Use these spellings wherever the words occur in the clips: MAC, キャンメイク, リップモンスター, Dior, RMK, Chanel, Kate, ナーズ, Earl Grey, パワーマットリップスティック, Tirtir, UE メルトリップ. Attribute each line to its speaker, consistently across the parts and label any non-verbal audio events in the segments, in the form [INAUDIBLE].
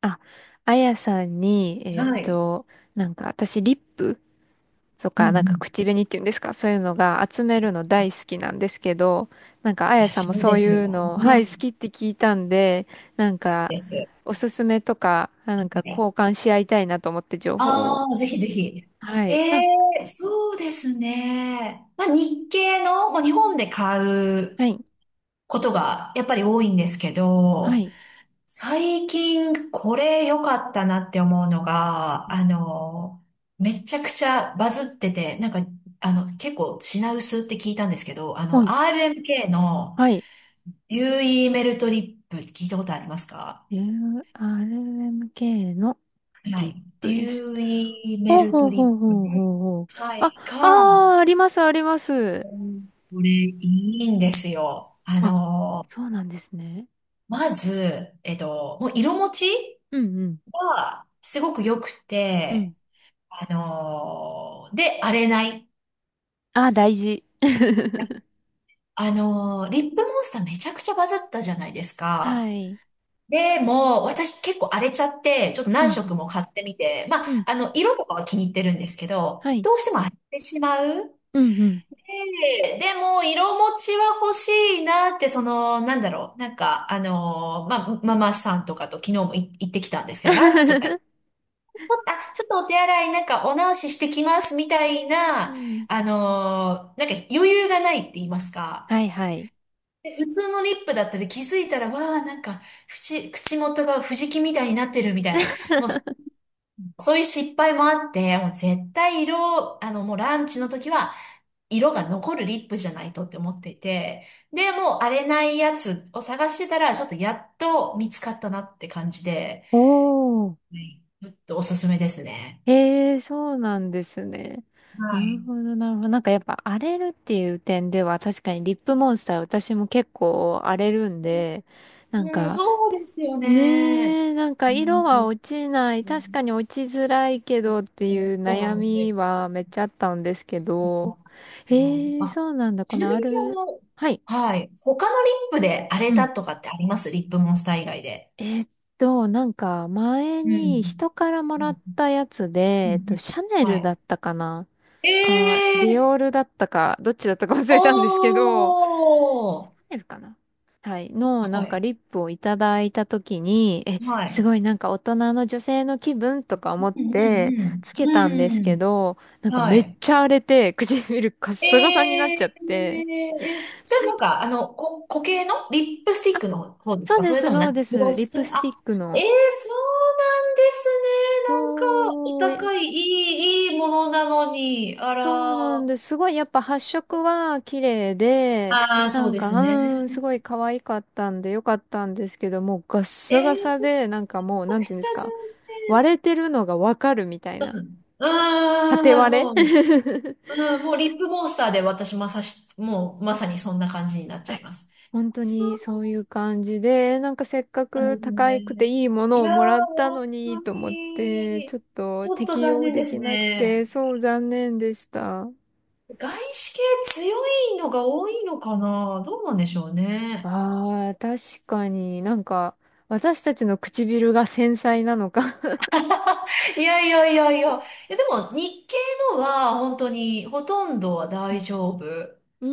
Speaker 1: あ、あやさんに、
Speaker 2: はい。
Speaker 1: なんか私、リップと
Speaker 2: うんう
Speaker 1: か、なんか
Speaker 2: ん。
Speaker 1: 口紅っていうんですか？そういうのが集めるの大好きなんですけど、なんかあやさん
Speaker 2: 私
Speaker 1: も
Speaker 2: も
Speaker 1: そ
Speaker 2: で
Speaker 1: う
Speaker 2: す
Speaker 1: いう
Speaker 2: よ。
Speaker 1: の、
Speaker 2: う
Speaker 1: はい、好
Speaker 2: ん。
Speaker 1: きって聞いたんで、なんか、
Speaker 2: です。
Speaker 1: おすすめとか、あなん
Speaker 2: は
Speaker 1: か
Speaker 2: い。
Speaker 1: 交換し合いたいなと思って情報
Speaker 2: あ
Speaker 1: を。
Speaker 2: あ、ぜひぜひ。
Speaker 1: は
Speaker 2: え
Speaker 1: い。なんか、
Speaker 2: え、そうですね。まあ、日系の、まあ、日本で買う
Speaker 1: はい、
Speaker 2: ことがやっぱり多いんですけ
Speaker 1: は
Speaker 2: ど、
Speaker 1: い、
Speaker 2: 最近これ良かったなって思うのが、めちゃくちゃバズってて、なんか、結構品薄って聞いたんですけど、
Speaker 1: はい、
Speaker 2: RMK の
Speaker 1: はい。
Speaker 2: UE メルトリップ聞いたことありますか？
Speaker 1: RMK の
Speaker 2: は
Speaker 1: リッ
Speaker 2: い。デ
Speaker 1: プです。
Speaker 2: ューイメ
Speaker 1: ほう
Speaker 2: ル
Speaker 1: ほ
Speaker 2: ト
Speaker 1: う
Speaker 2: リッ
Speaker 1: ほうほうほうほう。
Speaker 2: プ。は
Speaker 1: あ、
Speaker 2: い。
Speaker 1: あ
Speaker 2: が、
Speaker 1: あ、あります、あります。
Speaker 2: これいいんですよ。
Speaker 1: あ、そうなんですね。
Speaker 2: まず、もう色持ち
Speaker 1: うんうん。
Speaker 2: がすごく良く
Speaker 1: う
Speaker 2: て、
Speaker 1: ん。
Speaker 2: で、荒れない。
Speaker 1: あ、大事。[LAUGHS]
Speaker 2: あのリップモンスターめちゃくちゃバズったじゃないです
Speaker 1: は
Speaker 2: か。
Speaker 1: い。
Speaker 2: でも、私結構荒れちゃって、ちょっと
Speaker 1: う
Speaker 2: 何
Speaker 1: んう
Speaker 2: 色も買ってみて、まあ、
Speaker 1: ん。うん。
Speaker 2: 色とかは気に入ってるんですけ
Speaker 1: は
Speaker 2: ど、
Speaker 1: い。
Speaker 2: どうしても荒れてしまう。
Speaker 1: うんうん。
Speaker 2: で、でも、色持ちは欲しいなって、その、なんだろう、なんか、ママさんとかと昨日も行ってきたんですけど、ランチとか行っ
Speaker 1: [LAUGHS]
Speaker 2: て、ちょっとお手洗い、なんかお直ししてきます、みたい
Speaker 1: う
Speaker 2: な、
Speaker 1: ん。
Speaker 2: なんか余裕がないって言いますか。
Speaker 1: はいはい。
Speaker 2: で普通のリップだったり気づいたら、わあ、なんか、口元が藤木みたいになってるみたいな。もう
Speaker 1: [LAUGHS]
Speaker 2: そういう失敗もあって、もう絶対色、もうランチの時は、色が残るリップじゃないとって思っていて、で、もう荒れないやつを探してたら、ちょっとやっと見つかったなって感じで、
Speaker 1: おー。
Speaker 2: はい。ちょっとおすすめですね。
Speaker 1: へえ、そうなんですね。な
Speaker 2: は
Speaker 1: る
Speaker 2: い。
Speaker 1: ほど、なるほど。なんかやっぱ荒れるっていう点では確かにリップモンスター私も結構荒れるんで、なん
Speaker 2: うん、
Speaker 1: か
Speaker 2: そうですよね。
Speaker 1: ねえ、なんか
Speaker 2: う
Speaker 1: 色
Speaker 2: ん。
Speaker 1: は落ちない。
Speaker 2: う
Speaker 1: 確
Speaker 2: ん
Speaker 1: かに落ちづらいけどって
Speaker 2: う
Speaker 1: い
Speaker 2: ん、
Speaker 1: う
Speaker 2: そうな
Speaker 1: 悩
Speaker 2: んです
Speaker 1: み
Speaker 2: よ。
Speaker 1: はめっちゃあったんですけど。
Speaker 2: あの、
Speaker 1: ええ、
Speaker 2: あ
Speaker 1: そうなんだ。こ
Speaker 2: ちな
Speaker 1: の
Speaker 2: み
Speaker 1: あ
Speaker 2: に、
Speaker 1: る。はい。
Speaker 2: はい。他のリップで荒れ
Speaker 1: う
Speaker 2: た
Speaker 1: ん。
Speaker 2: とかってあります？リップモンスター以外で。
Speaker 1: えーっなんか前
Speaker 2: う
Speaker 1: に
Speaker 2: ん。
Speaker 1: 人からもらったやつで、
Speaker 2: うんうん、
Speaker 1: シャネ
Speaker 2: は
Speaker 1: ルだ
Speaker 2: い。
Speaker 1: ったかなか、ディ
Speaker 2: ええ、
Speaker 1: オールだったか、どっちだったか忘
Speaker 2: お
Speaker 1: れたんですけど、
Speaker 2: ー、
Speaker 1: 出るかな。はい。の、
Speaker 2: は
Speaker 1: なんか
Speaker 2: い、
Speaker 1: リップをいただいたときに、え、
Speaker 2: は
Speaker 1: す
Speaker 2: い。
Speaker 1: ごいなんか大人の女性の気分とか
Speaker 2: うん
Speaker 1: 思っ
Speaker 2: う
Speaker 1: て
Speaker 2: ん
Speaker 1: つ
Speaker 2: う
Speaker 1: けたんです
Speaker 2: ん。う
Speaker 1: け
Speaker 2: ん。
Speaker 1: ど、なんか
Speaker 2: は
Speaker 1: めっ
Speaker 2: い。
Speaker 1: ちゃ荒れて唇カッ
Speaker 2: え
Speaker 1: サカサになっち
Speaker 2: え
Speaker 1: ゃって。
Speaker 2: え、それなんか、こ、固形のリップスティッ
Speaker 1: あ、
Speaker 2: クの方です
Speaker 1: そう
Speaker 2: か？
Speaker 1: で
Speaker 2: それ
Speaker 1: す、
Speaker 2: とも
Speaker 1: そ
Speaker 2: なん
Speaker 1: う
Speaker 2: か、
Speaker 1: で
Speaker 2: グロ
Speaker 1: す。リッ
Speaker 2: ス、
Speaker 1: プス
Speaker 2: あ、
Speaker 1: ティック
Speaker 2: え
Speaker 1: の。
Speaker 2: え、そうなんですね。
Speaker 1: そ
Speaker 2: なんか、お
Speaker 1: う、
Speaker 2: 高い、いいものなのに、あ
Speaker 1: そう
Speaker 2: ら、
Speaker 1: なん
Speaker 2: あ
Speaker 1: です。すごいやっぱ発色は綺麗で、
Speaker 2: あ、
Speaker 1: な
Speaker 2: そう
Speaker 1: ん
Speaker 2: で
Speaker 1: か、
Speaker 2: すね。
Speaker 1: すごい可愛かったんでよかったんですけど、もうガッ
Speaker 2: え
Speaker 1: サガ
Speaker 2: え、
Speaker 1: サで、なんかもう、
Speaker 2: そう
Speaker 1: なん
Speaker 2: で
Speaker 1: ていうん
Speaker 2: す
Speaker 1: で
Speaker 2: ね。
Speaker 1: すか、割れてるのがわかるみたいな。
Speaker 2: うん。う
Speaker 1: 縦
Speaker 2: ーん、
Speaker 1: 割
Speaker 2: もう、
Speaker 1: れ。
Speaker 2: うん、もうリップモンスターで私まさし、もうまさにそんな感じになっ
Speaker 1: [LAUGHS]
Speaker 2: ちゃ
Speaker 1: あ、
Speaker 2: います。
Speaker 1: 本当
Speaker 2: そう
Speaker 1: にそういう感じで、なんかせっか
Speaker 2: なん
Speaker 1: く
Speaker 2: です
Speaker 1: 高くて
Speaker 2: ね。
Speaker 1: いいも
Speaker 2: い
Speaker 1: のを
Speaker 2: やー、
Speaker 1: もらった
Speaker 2: 本
Speaker 1: の
Speaker 2: 当
Speaker 1: にと思って、ちょ
Speaker 2: に、
Speaker 1: っと
Speaker 2: ちょっと
Speaker 1: 適
Speaker 2: 残
Speaker 1: 用
Speaker 2: 念
Speaker 1: で
Speaker 2: です
Speaker 1: きなくて、
Speaker 2: ね。
Speaker 1: そう残念でした。
Speaker 2: 外資系強いのが多いのかな、どうなんでしょうね。
Speaker 1: ああ、確かになんか、私たちの唇が繊細なのか。
Speaker 2: いやいやいやいや。いやでも日系のは本当にほとんどは大
Speaker 1: う
Speaker 2: 丈夫
Speaker 1: ん。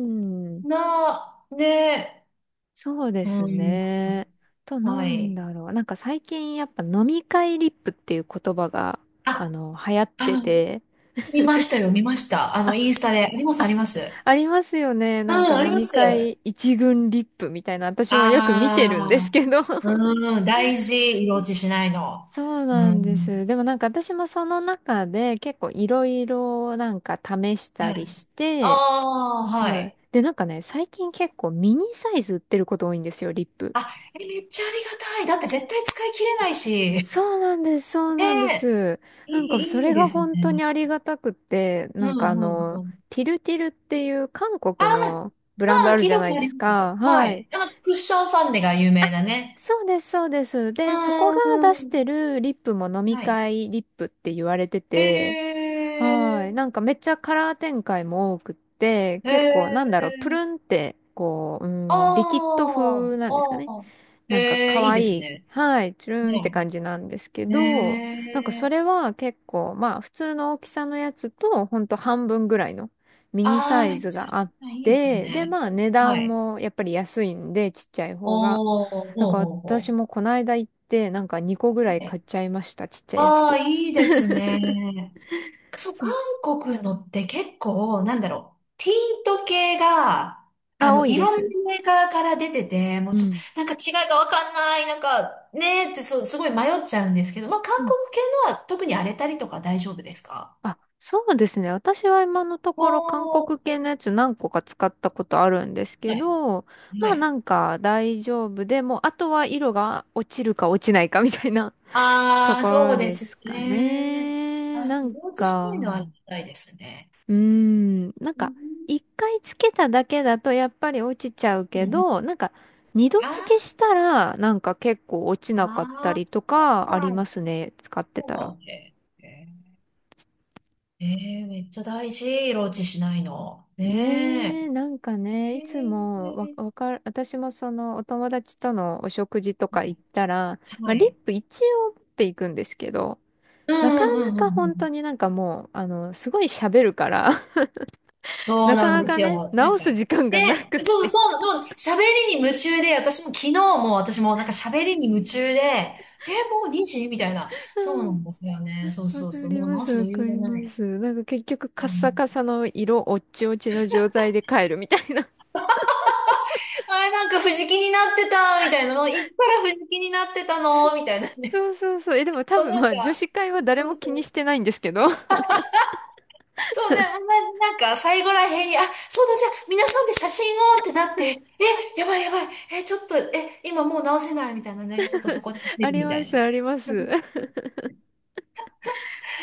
Speaker 1: うーん
Speaker 2: な、で、
Speaker 1: そうです
Speaker 2: うん、
Speaker 1: ね。と、な
Speaker 2: は
Speaker 1: ん
Speaker 2: い。
Speaker 1: だろう。なんか最近やっぱ飲み会リップっていう言葉が、
Speaker 2: あ、
Speaker 1: 流行って
Speaker 2: あの、
Speaker 1: て。
Speaker 2: 見ましたよ、見ました。
Speaker 1: あ、
Speaker 2: インスタで。あります、あ
Speaker 1: あ、
Speaker 2: ります。
Speaker 1: ありますよね。
Speaker 2: う
Speaker 1: なんか
Speaker 2: ん、あり
Speaker 1: 飲
Speaker 2: ま
Speaker 1: み
Speaker 2: す。
Speaker 1: 会一軍リップみたいな、私もよく見てるんです
Speaker 2: あ
Speaker 1: けど。
Speaker 2: あ、
Speaker 1: [LAUGHS]
Speaker 2: うん、大事、色落ちしないの。
Speaker 1: そう
Speaker 2: う
Speaker 1: なんで
Speaker 2: ん。
Speaker 1: す。でもなんか私もその中で結構いろいろなんか試した
Speaker 2: は
Speaker 1: り
Speaker 2: い。
Speaker 1: し
Speaker 2: あ
Speaker 1: て、
Speaker 2: あ、は
Speaker 1: はい。
Speaker 2: い。
Speaker 1: で、なんかね、最近結構ミニサイズ売ってること多いんですよ、リップ。
Speaker 2: あ、え、めっちゃありがたい。だって絶対使い切れないし。
Speaker 1: そうなんです、そうなんで
Speaker 2: ね
Speaker 1: す。
Speaker 2: え、
Speaker 1: なんかそ
Speaker 2: い
Speaker 1: れ
Speaker 2: いで
Speaker 1: が
Speaker 2: すね。
Speaker 1: 本当にありがたくって、
Speaker 2: う
Speaker 1: なんか
Speaker 2: ん、うん、うん。
Speaker 1: ティルティルっていう韓
Speaker 2: あ
Speaker 1: 国のブラン
Speaker 2: あ、
Speaker 1: ド
Speaker 2: う
Speaker 1: あ
Speaker 2: ん、
Speaker 1: る
Speaker 2: 聞い
Speaker 1: じ
Speaker 2: た
Speaker 1: ゃ
Speaker 2: こ
Speaker 1: な
Speaker 2: と
Speaker 1: い
Speaker 2: あ
Speaker 1: で
Speaker 2: り
Speaker 1: す
Speaker 2: ます
Speaker 1: か。
Speaker 2: よ。は
Speaker 1: はい。
Speaker 2: い。あの、クッションファンデが有名
Speaker 1: あ、
Speaker 2: なね。
Speaker 1: そうです、そうです。
Speaker 2: う
Speaker 1: で、そこが
Speaker 2: ん、
Speaker 1: 出
Speaker 2: う
Speaker 1: し
Speaker 2: ん。
Speaker 1: てるリップも飲み
Speaker 2: はい。
Speaker 1: 会リップって言われて
Speaker 2: へ
Speaker 1: て、はい。
Speaker 2: え、
Speaker 1: なんかめっちゃカラー展開も多くって、
Speaker 2: へ
Speaker 1: 結構なんだろう、プルン
Speaker 2: え、
Speaker 1: って、こう、リキッド
Speaker 2: あ
Speaker 1: 風なん
Speaker 2: あ、
Speaker 1: ですかね。
Speaker 2: ああ。
Speaker 1: なんか
Speaker 2: へえ、
Speaker 1: 可
Speaker 2: いいです
Speaker 1: 愛い、
Speaker 2: ね。
Speaker 1: はい、チュルンって
Speaker 2: ね
Speaker 1: 感じなんですけ
Speaker 2: え
Speaker 1: ど、なんかそ
Speaker 2: え
Speaker 1: れは結構、まあ普通の大きさのやつと、ほんと半分ぐらいのミニ
Speaker 2: あ
Speaker 1: サ
Speaker 2: あー、め
Speaker 1: イ
Speaker 2: っ
Speaker 1: ズ
Speaker 2: ちゃ
Speaker 1: があっ
Speaker 2: いいです
Speaker 1: て、で、
Speaker 2: ね。
Speaker 1: まあ値
Speaker 2: は
Speaker 1: 段
Speaker 2: い。
Speaker 1: もやっぱり安いんで、ちっちゃい方が。
Speaker 2: おー、
Speaker 1: だ
Speaker 2: ほう
Speaker 1: から
Speaker 2: ほうほ
Speaker 1: 私もこの間行って、なんか2個ぐ
Speaker 2: う。い
Speaker 1: ら
Speaker 2: い
Speaker 1: い買
Speaker 2: ね。
Speaker 1: っちゃいました、ちっちゃいや
Speaker 2: ああ、
Speaker 1: つ。
Speaker 2: いいです
Speaker 1: [LAUGHS]
Speaker 2: ね。そう、
Speaker 1: そ
Speaker 2: 韓
Speaker 1: う。
Speaker 2: 国のって結構、なんだろう。ティント系が、
Speaker 1: あ、多い
Speaker 2: い
Speaker 1: で
Speaker 2: ろんな
Speaker 1: す。
Speaker 2: メーカーから出てて、もう
Speaker 1: う
Speaker 2: ちょっと、
Speaker 1: ん。
Speaker 2: なんか違いがわかんない、なんか、ねーって、そう、すごい迷っちゃうんですけど、まあ、韓国系のは特に荒れたりとか大丈夫ですか？
Speaker 1: あ、そうですね。私は今のところ韓
Speaker 2: お
Speaker 1: 国
Speaker 2: ー、
Speaker 1: 系のやつ何個か使ったことあるんですけ
Speaker 2: はい。
Speaker 1: ど、
Speaker 2: は
Speaker 1: まあ
Speaker 2: い。
Speaker 1: なんか大丈夫でも、あとは色が落ちるか落ちないかみたいな。 [LAUGHS] と
Speaker 2: ああ、
Speaker 1: こ
Speaker 2: そう
Speaker 1: ろ
Speaker 2: で
Speaker 1: で
Speaker 2: す
Speaker 1: すか
Speaker 2: ね。
Speaker 1: ね。
Speaker 2: あ、
Speaker 1: な
Speaker 2: で
Speaker 1: ん
Speaker 2: も、落しな
Speaker 1: か、
Speaker 2: いのはありがたいですね。
Speaker 1: なん
Speaker 2: う
Speaker 1: か
Speaker 2: ん。
Speaker 1: 一回つけただけだとやっぱり落ちちゃう
Speaker 2: う
Speaker 1: け
Speaker 2: んうん、
Speaker 1: ど、なんか二度
Speaker 2: あ
Speaker 1: 付けしたらなんか結構落ちなかった
Speaker 2: あ、
Speaker 1: り
Speaker 2: あ
Speaker 1: とかあり
Speaker 2: ー、
Speaker 1: ますね。使ってたら。
Speaker 2: そう。めっちゃ大事、ローチしないの。ね
Speaker 1: ねえ、なんかね、
Speaker 2: え。へ
Speaker 1: いつも
Speaker 2: え。
Speaker 1: わかる、私もそのお友達とのお食事とか行ったら、ま
Speaker 2: は
Speaker 1: あ、リッ
Speaker 2: い。
Speaker 1: プ一応持っていくんですけど、
Speaker 2: うん
Speaker 1: なか
Speaker 2: う
Speaker 1: な
Speaker 2: んうんう
Speaker 1: か本当
Speaker 2: ん、
Speaker 1: になんかもう、すごい喋るから、[LAUGHS]
Speaker 2: そ
Speaker 1: な
Speaker 2: う
Speaker 1: か
Speaker 2: なん
Speaker 1: な
Speaker 2: で
Speaker 1: か
Speaker 2: すよ。
Speaker 1: ね、
Speaker 2: なん
Speaker 1: 直
Speaker 2: か、
Speaker 1: す時間
Speaker 2: で、
Speaker 1: がなくっ
Speaker 2: そう
Speaker 1: て。
Speaker 2: そう、もう喋りに夢中で、私も昨日も、私もなんか喋りに夢中で、え、もう2時みたいな。そうな
Speaker 1: うん、
Speaker 2: んですよね。そう
Speaker 1: わ
Speaker 2: そう
Speaker 1: か
Speaker 2: そう。
Speaker 1: り
Speaker 2: もう
Speaker 1: ま
Speaker 2: 直
Speaker 1: す、
Speaker 2: す
Speaker 1: わ
Speaker 2: 余
Speaker 1: か
Speaker 2: 裕が
Speaker 1: り
Speaker 2: な
Speaker 1: ま
Speaker 2: い。
Speaker 1: す。なんか結局
Speaker 2: あ
Speaker 1: カッ
Speaker 2: り
Speaker 1: サ
Speaker 2: ます、
Speaker 1: カサの色、おっちおちの状態で帰るみたいな。[LAUGHS]
Speaker 2: あれ、なんか藤木になってた、みたいなの。いつから藤木になってたのみたいなね。
Speaker 1: そうそうそう。え、でも
Speaker 2: [LAUGHS]
Speaker 1: 多
Speaker 2: そう、
Speaker 1: 分
Speaker 2: な
Speaker 1: ま
Speaker 2: ん
Speaker 1: あ女
Speaker 2: か、
Speaker 1: 子会
Speaker 2: そ
Speaker 1: は
Speaker 2: う
Speaker 1: 誰
Speaker 2: そう
Speaker 1: も気
Speaker 2: そ
Speaker 1: に
Speaker 2: う。
Speaker 1: してないんですけど。
Speaker 2: そうね、なんか最後らへんに、あ、そうだ、じゃあ皆さんで写真をってなって、え、やばいやばい、え、ちょっと、え、今もう直せないみたいなね、ちょっとそこで
Speaker 1: [LAUGHS]
Speaker 2: 見
Speaker 1: あ
Speaker 2: る
Speaker 1: り
Speaker 2: みた
Speaker 1: ま
Speaker 2: い
Speaker 1: す、ありま
Speaker 2: な。う
Speaker 1: す。
Speaker 2: ん、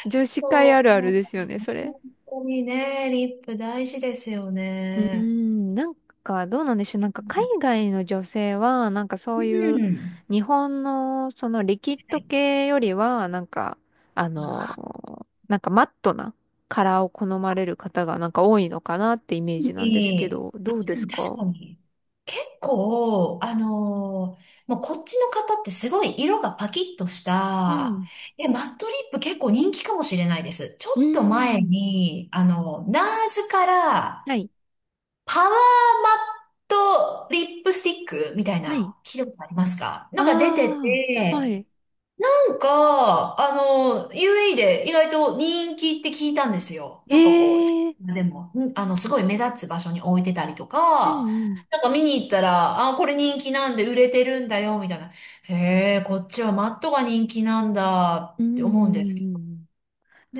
Speaker 1: 女子会あ
Speaker 2: そう、
Speaker 1: るあ
Speaker 2: も
Speaker 1: る
Speaker 2: う
Speaker 1: ですよね、それ。
Speaker 2: 本当にね、リップ大事ですよ
Speaker 1: うー
Speaker 2: ね。
Speaker 1: ん、なんかどうなんでしょう。なんか海外の女性は、なんかそ
Speaker 2: う
Speaker 1: ういう
Speaker 2: ん。
Speaker 1: 日本のそのリキッ
Speaker 2: は
Speaker 1: ド
Speaker 2: い。
Speaker 1: 系よりは、なんか、あのなんかマットなカラーを好まれる方がなんか多いのかなってイメージなんですけど、ど
Speaker 2: 確
Speaker 1: うで
Speaker 2: か
Speaker 1: す
Speaker 2: に確
Speaker 1: か？
Speaker 2: かに。結構、もうこっちの方ってすごい色がパキッとし
Speaker 1: う
Speaker 2: た、
Speaker 1: ん。
Speaker 2: え、マットリップ結構人気かもしれないです。ちょ
Speaker 1: う
Speaker 2: っと前
Speaker 1: ん。
Speaker 2: に、ナーズから
Speaker 1: はい、
Speaker 2: パワーマットリップスティックみたい
Speaker 1: はい。
Speaker 2: な、聞いたことありますか？なんか出て
Speaker 1: ああ、はい。
Speaker 2: て、なんか、UAE で意外と人気って聞いたんですよ。
Speaker 1: え
Speaker 2: なんかこ
Speaker 1: えー、
Speaker 2: う、でも、うんすごい目立つ場所に置いてたりと
Speaker 1: う
Speaker 2: か、
Speaker 1: んうん。
Speaker 2: なんか見に行ったら、あ、これ人気なんで売れてるんだよ、みたいな。へえ、こっちはマットが人気なんだ
Speaker 1: う
Speaker 2: っ
Speaker 1: んう
Speaker 2: て思うんです
Speaker 1: んう
Speaker 2: けど。
Speaker 1: ん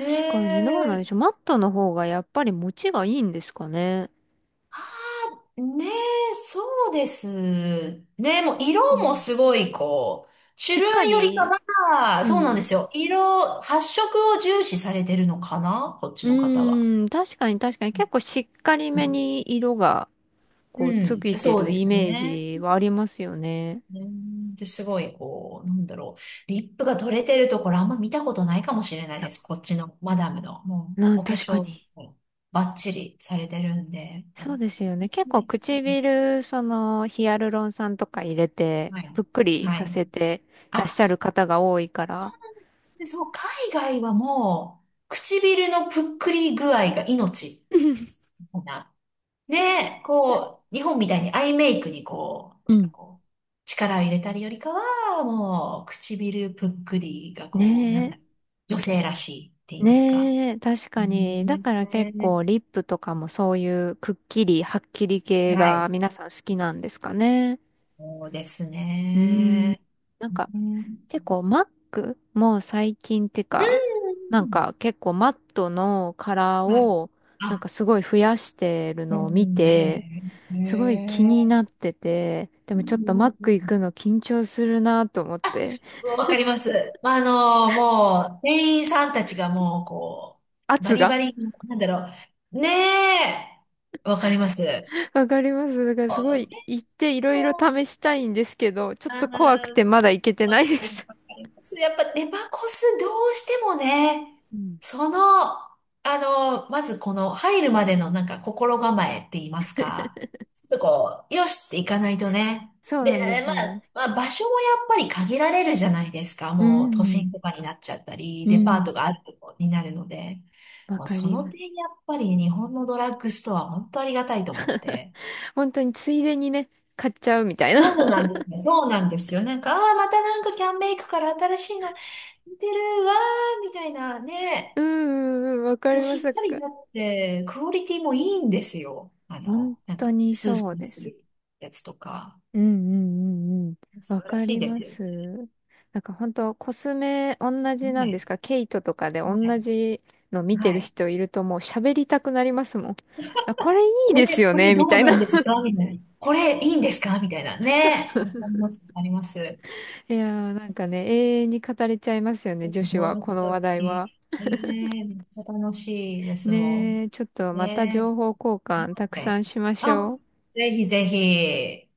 Speaker 1: うん。確かにどうなんでし
Speaker 2: え。
Speaker 1: ょう。マットの方がやっぱり持ちがいいんですかね。
Speaker 2: はねえ、そうですね。もう色
Speaker 1: う
Speaker 2: も
Speaker 1: ん。
Speaker 2: すごいこう、チュ
Speaker 1: しっ
Speaker 2: ル
Speaker 1: か
Speaker 2: ンよりか
Speaker 1: り、
Speaker 2: は、
Speaker 1: う
Speaker 2: そうなんで
Speaker 1: ん。
Speaker 2: すよ。発色を重視されてるのかな、こっち
Speaker 1: う
Speaker 2: の方は。
Speaker 1: ーん、確かに確かに結構しっかり
Speaker 2: う
Speaker 1: め
Speaker 2: ん
Speaker 1: に色が
Speaker 2: う
Speaker 1: こうつ
Speaker 2: ん、
Speaker 1: いて
Speaker 2: そう
Speaker 1: る
Speaker 2: で
Speaker 1: イ
Speaker 2: す
Speaker 1: メー
Speaker 2: ね。
Speaker 1: ジはありますよね。
Speaker 2: うんで、すごいこう、なんだろう。リップが取れてるところあんま見たことないかもしれない
Speaker 1: いや、
Speaker 2: です。こっちのマダムの。もう、お化
Speaker 1: 確か
Speaker 2: 粧、
Speaker 1: に。
Speaker 2: バッチリされてるんで。
Speaker 1: そ
Speaker 2: こ
Speaker 1: うですよね。結
Speaker 2: う
Speaker 1: 構
Speaker 2: ね、そう、
Speaker 1: 唇、そのヒアルロン酸とか入れて、
Speaker 2: はい。
Speaker 1: ぷっくり
Speaker 2: は
Speaker 1: さ
Speaker 2: い。
Speaker 1: せてらっ
Speaker 2: あ、
Speaker 1: しゃる方が多いから。
Speaker 2: で、そう、海外はもう、唇のぷっくり具合が命
Speaker 1: [LAUGHS]
Speaker 2: みたいな。ねこう、日本みたいにアイメイクにこう、
Speaker 1: う
Speaker 2: なんか
Speaker 1: ん。
Speaker 2: こう、力を入れたりよりかは、もう、唇ぷっくりが
Speaker 1: [LAUGHS]
Speaker 2: こう、な
Speaker 1: ね
Speaker 2: ん
Speaker 1: え。
Speaker 2: だ、女性らしいって言いますか。
Speaker 1: ねえ、確かに。だから結
Speaker 2: ね、
Speaker 1: 構リップとかもそういうくっきり、はっきり系
Speaker 2: は
Speaker 1: が
Speaker 2: い。
Speaker 1: 皆さん好きなんですかね。
Speaker 2: そうです
Speaker 1: うーん。
Speaker 2: ね。
Speaker 1: なんか
Speaker 2: うん。
Speaker 1: 結構マックも最近って
Speaker 2: う
Speaker 1: か、なん
Speaker 2: ん、
Speaker 1: か結構マットのカラー
Speaker 2: はい。
Speaker 1: をなんか
Speaker 2: あ、
Speaker 1: すごい増やしてる
Speaker 2: う
Speaker 1: のを見
Speaker 2: ん、
Speaker 1: て、
Speaker 2: へえ。へ
Speaker 1: すごい気にな
Speaker 2: え。
Speaker 1: ってて、で
Speaker 2: う
Speaker 1: もちょっとマック
Speaker 2: ん、
Speaker 1: 行くの緊張するなと思って、
Speaker 2: わかります。まあ、もう、店員さんたちがもう、こう、バ
Speaker 1: 圧
Speaker 2: リ
Speaker 1: が。
Speaker 2: バリ、なんだろう。ねえ、わかります。
Speaker 1: わかります。だから
Speaker 2: あ
Speaker 1: すごい
Speaker 2: ー
Speaker 1: 行っていろいろ試したいんですけど、ちょっと怖くてまだ行けてないです。
Speaker 2: やっぱデパコスどうしてもね、
Speaker 1: うん。
Speaker 2: その、まずこの入るまでのなんか心構えって言いますか、ちょっとこう、よしっていかないとね。
Speaker 1: そうな
Speaker 2: で、
Speaker 1: んです、そうなんです。
Speaker 2: まあ、まあ場所もやっぱり限られるじゃないですか。
Speaker 1: う
Speaker 2: もう都
Speaker 1: ん。
Speaker 2: 心とかになっちゃったり、
Speaker 1: う
Speaker 2: デパー
Speaker 1: ん。
Speaker 2: トがあるとこになるので、
Speaker 1: わ
Speaker 2: もう
Speaker 1: か
Speaker 2: そ
Speaker 1: り
Speaker 2: の
Speaker 1: ま
Speaker 2: 点
Speaker 1: す。
Speaker 2: やっぱりね日本のドラッグストア本当ありがたいと思って。
Speaker 1: 本当についでにね、買っちゃうみたいな。
Speaker 2: そ
Speaker 1: [LAUGHS]
Speaker 2: うなんですね。そうなんですよ。なんか、ああ、またなんかキャンメイクから新しいの似てるわー、みたいな
Speaker 1: う
Speaker 2: ね。
Speaker 1: んうんうん、わか
Speaker 2: もう
Speaker 1: りま
Speaker 2: しっ
Speaker 1: す。
Speaker 2: かりだって、クオリティもいいんですよ。
Speaker 1: 本
Speaker 2: なん
Speaker 1: 当
Speaker 2: か、
Speaker 1: に
Speaker 2: スー
Speaker 1: そ
Speaker 2: ス
Speaker 1: う
Speaker 2: ー
Speaker 1: で
Speaker 2: す
Speaker 1: す。
Speaker 2: るやつとか。
Speaker 1: うんうんうんうん。
Speaker 2: 素
Speaker 1: わ
Speaker 2: 晴ら
Speaker 1: か
Speaker 2: しい
Speaker 1: り
Speaker 2: で
Speaker 1: ま
Speaker 2: すよ
Speaker 1: す。なんか本当コスメ同じな
Speaker 2: ね。は
Speaker 1: んで
Speaker 2: い。
Speaker 1: すか？ケイトとかで
Speaker 2: はい。
Speaker 1: 同じの見て
Speaker 2: は
Speaker 1: る
Speaker 2: い。
Speaker 1: 人いるともう喋りたくなりますもん。あ、これいいですよ
Speaker 2: これ
Speaker 1: ね
Speaker 2: ど
Speaker 1: み
Speaker 2: う
Speaker 1: たい
Speaker 2: な
Speaker 1: な。
Speaker 2: んですかみたいな。これいいんですかみたいな。
Speaker 1: [LAUGHS] そう
Speaker 2: ね。
Speaker 1: そ
Speaker 2: あ
Speaker 1: う。
Speaker 2: ります。あります。
Speaker 1: いやーなんかね、永遠に語れちゃいますよね、女子は、
Speaker 2: 本
Speaker 1: この
Speaker 2: 当
Speaker 1: 話題
Speaker 2: に。
Speaker 1: は。
Speaker 2: ねえ、めっちゃ楽しいですも
Speaker 1: ね
Speaker 2: ん。
Speaker 1: え、ちょっとまた情
Speaker 2: ね
Speaker 1: 報交換たく
Speaker 2: え。は
Speaker 1: さ
Speaker 2: い。
Speaker 1: んしまし
Speaker 2: あ、
Speaker 1: ょう。
Speaker 2: ぜひぜひ。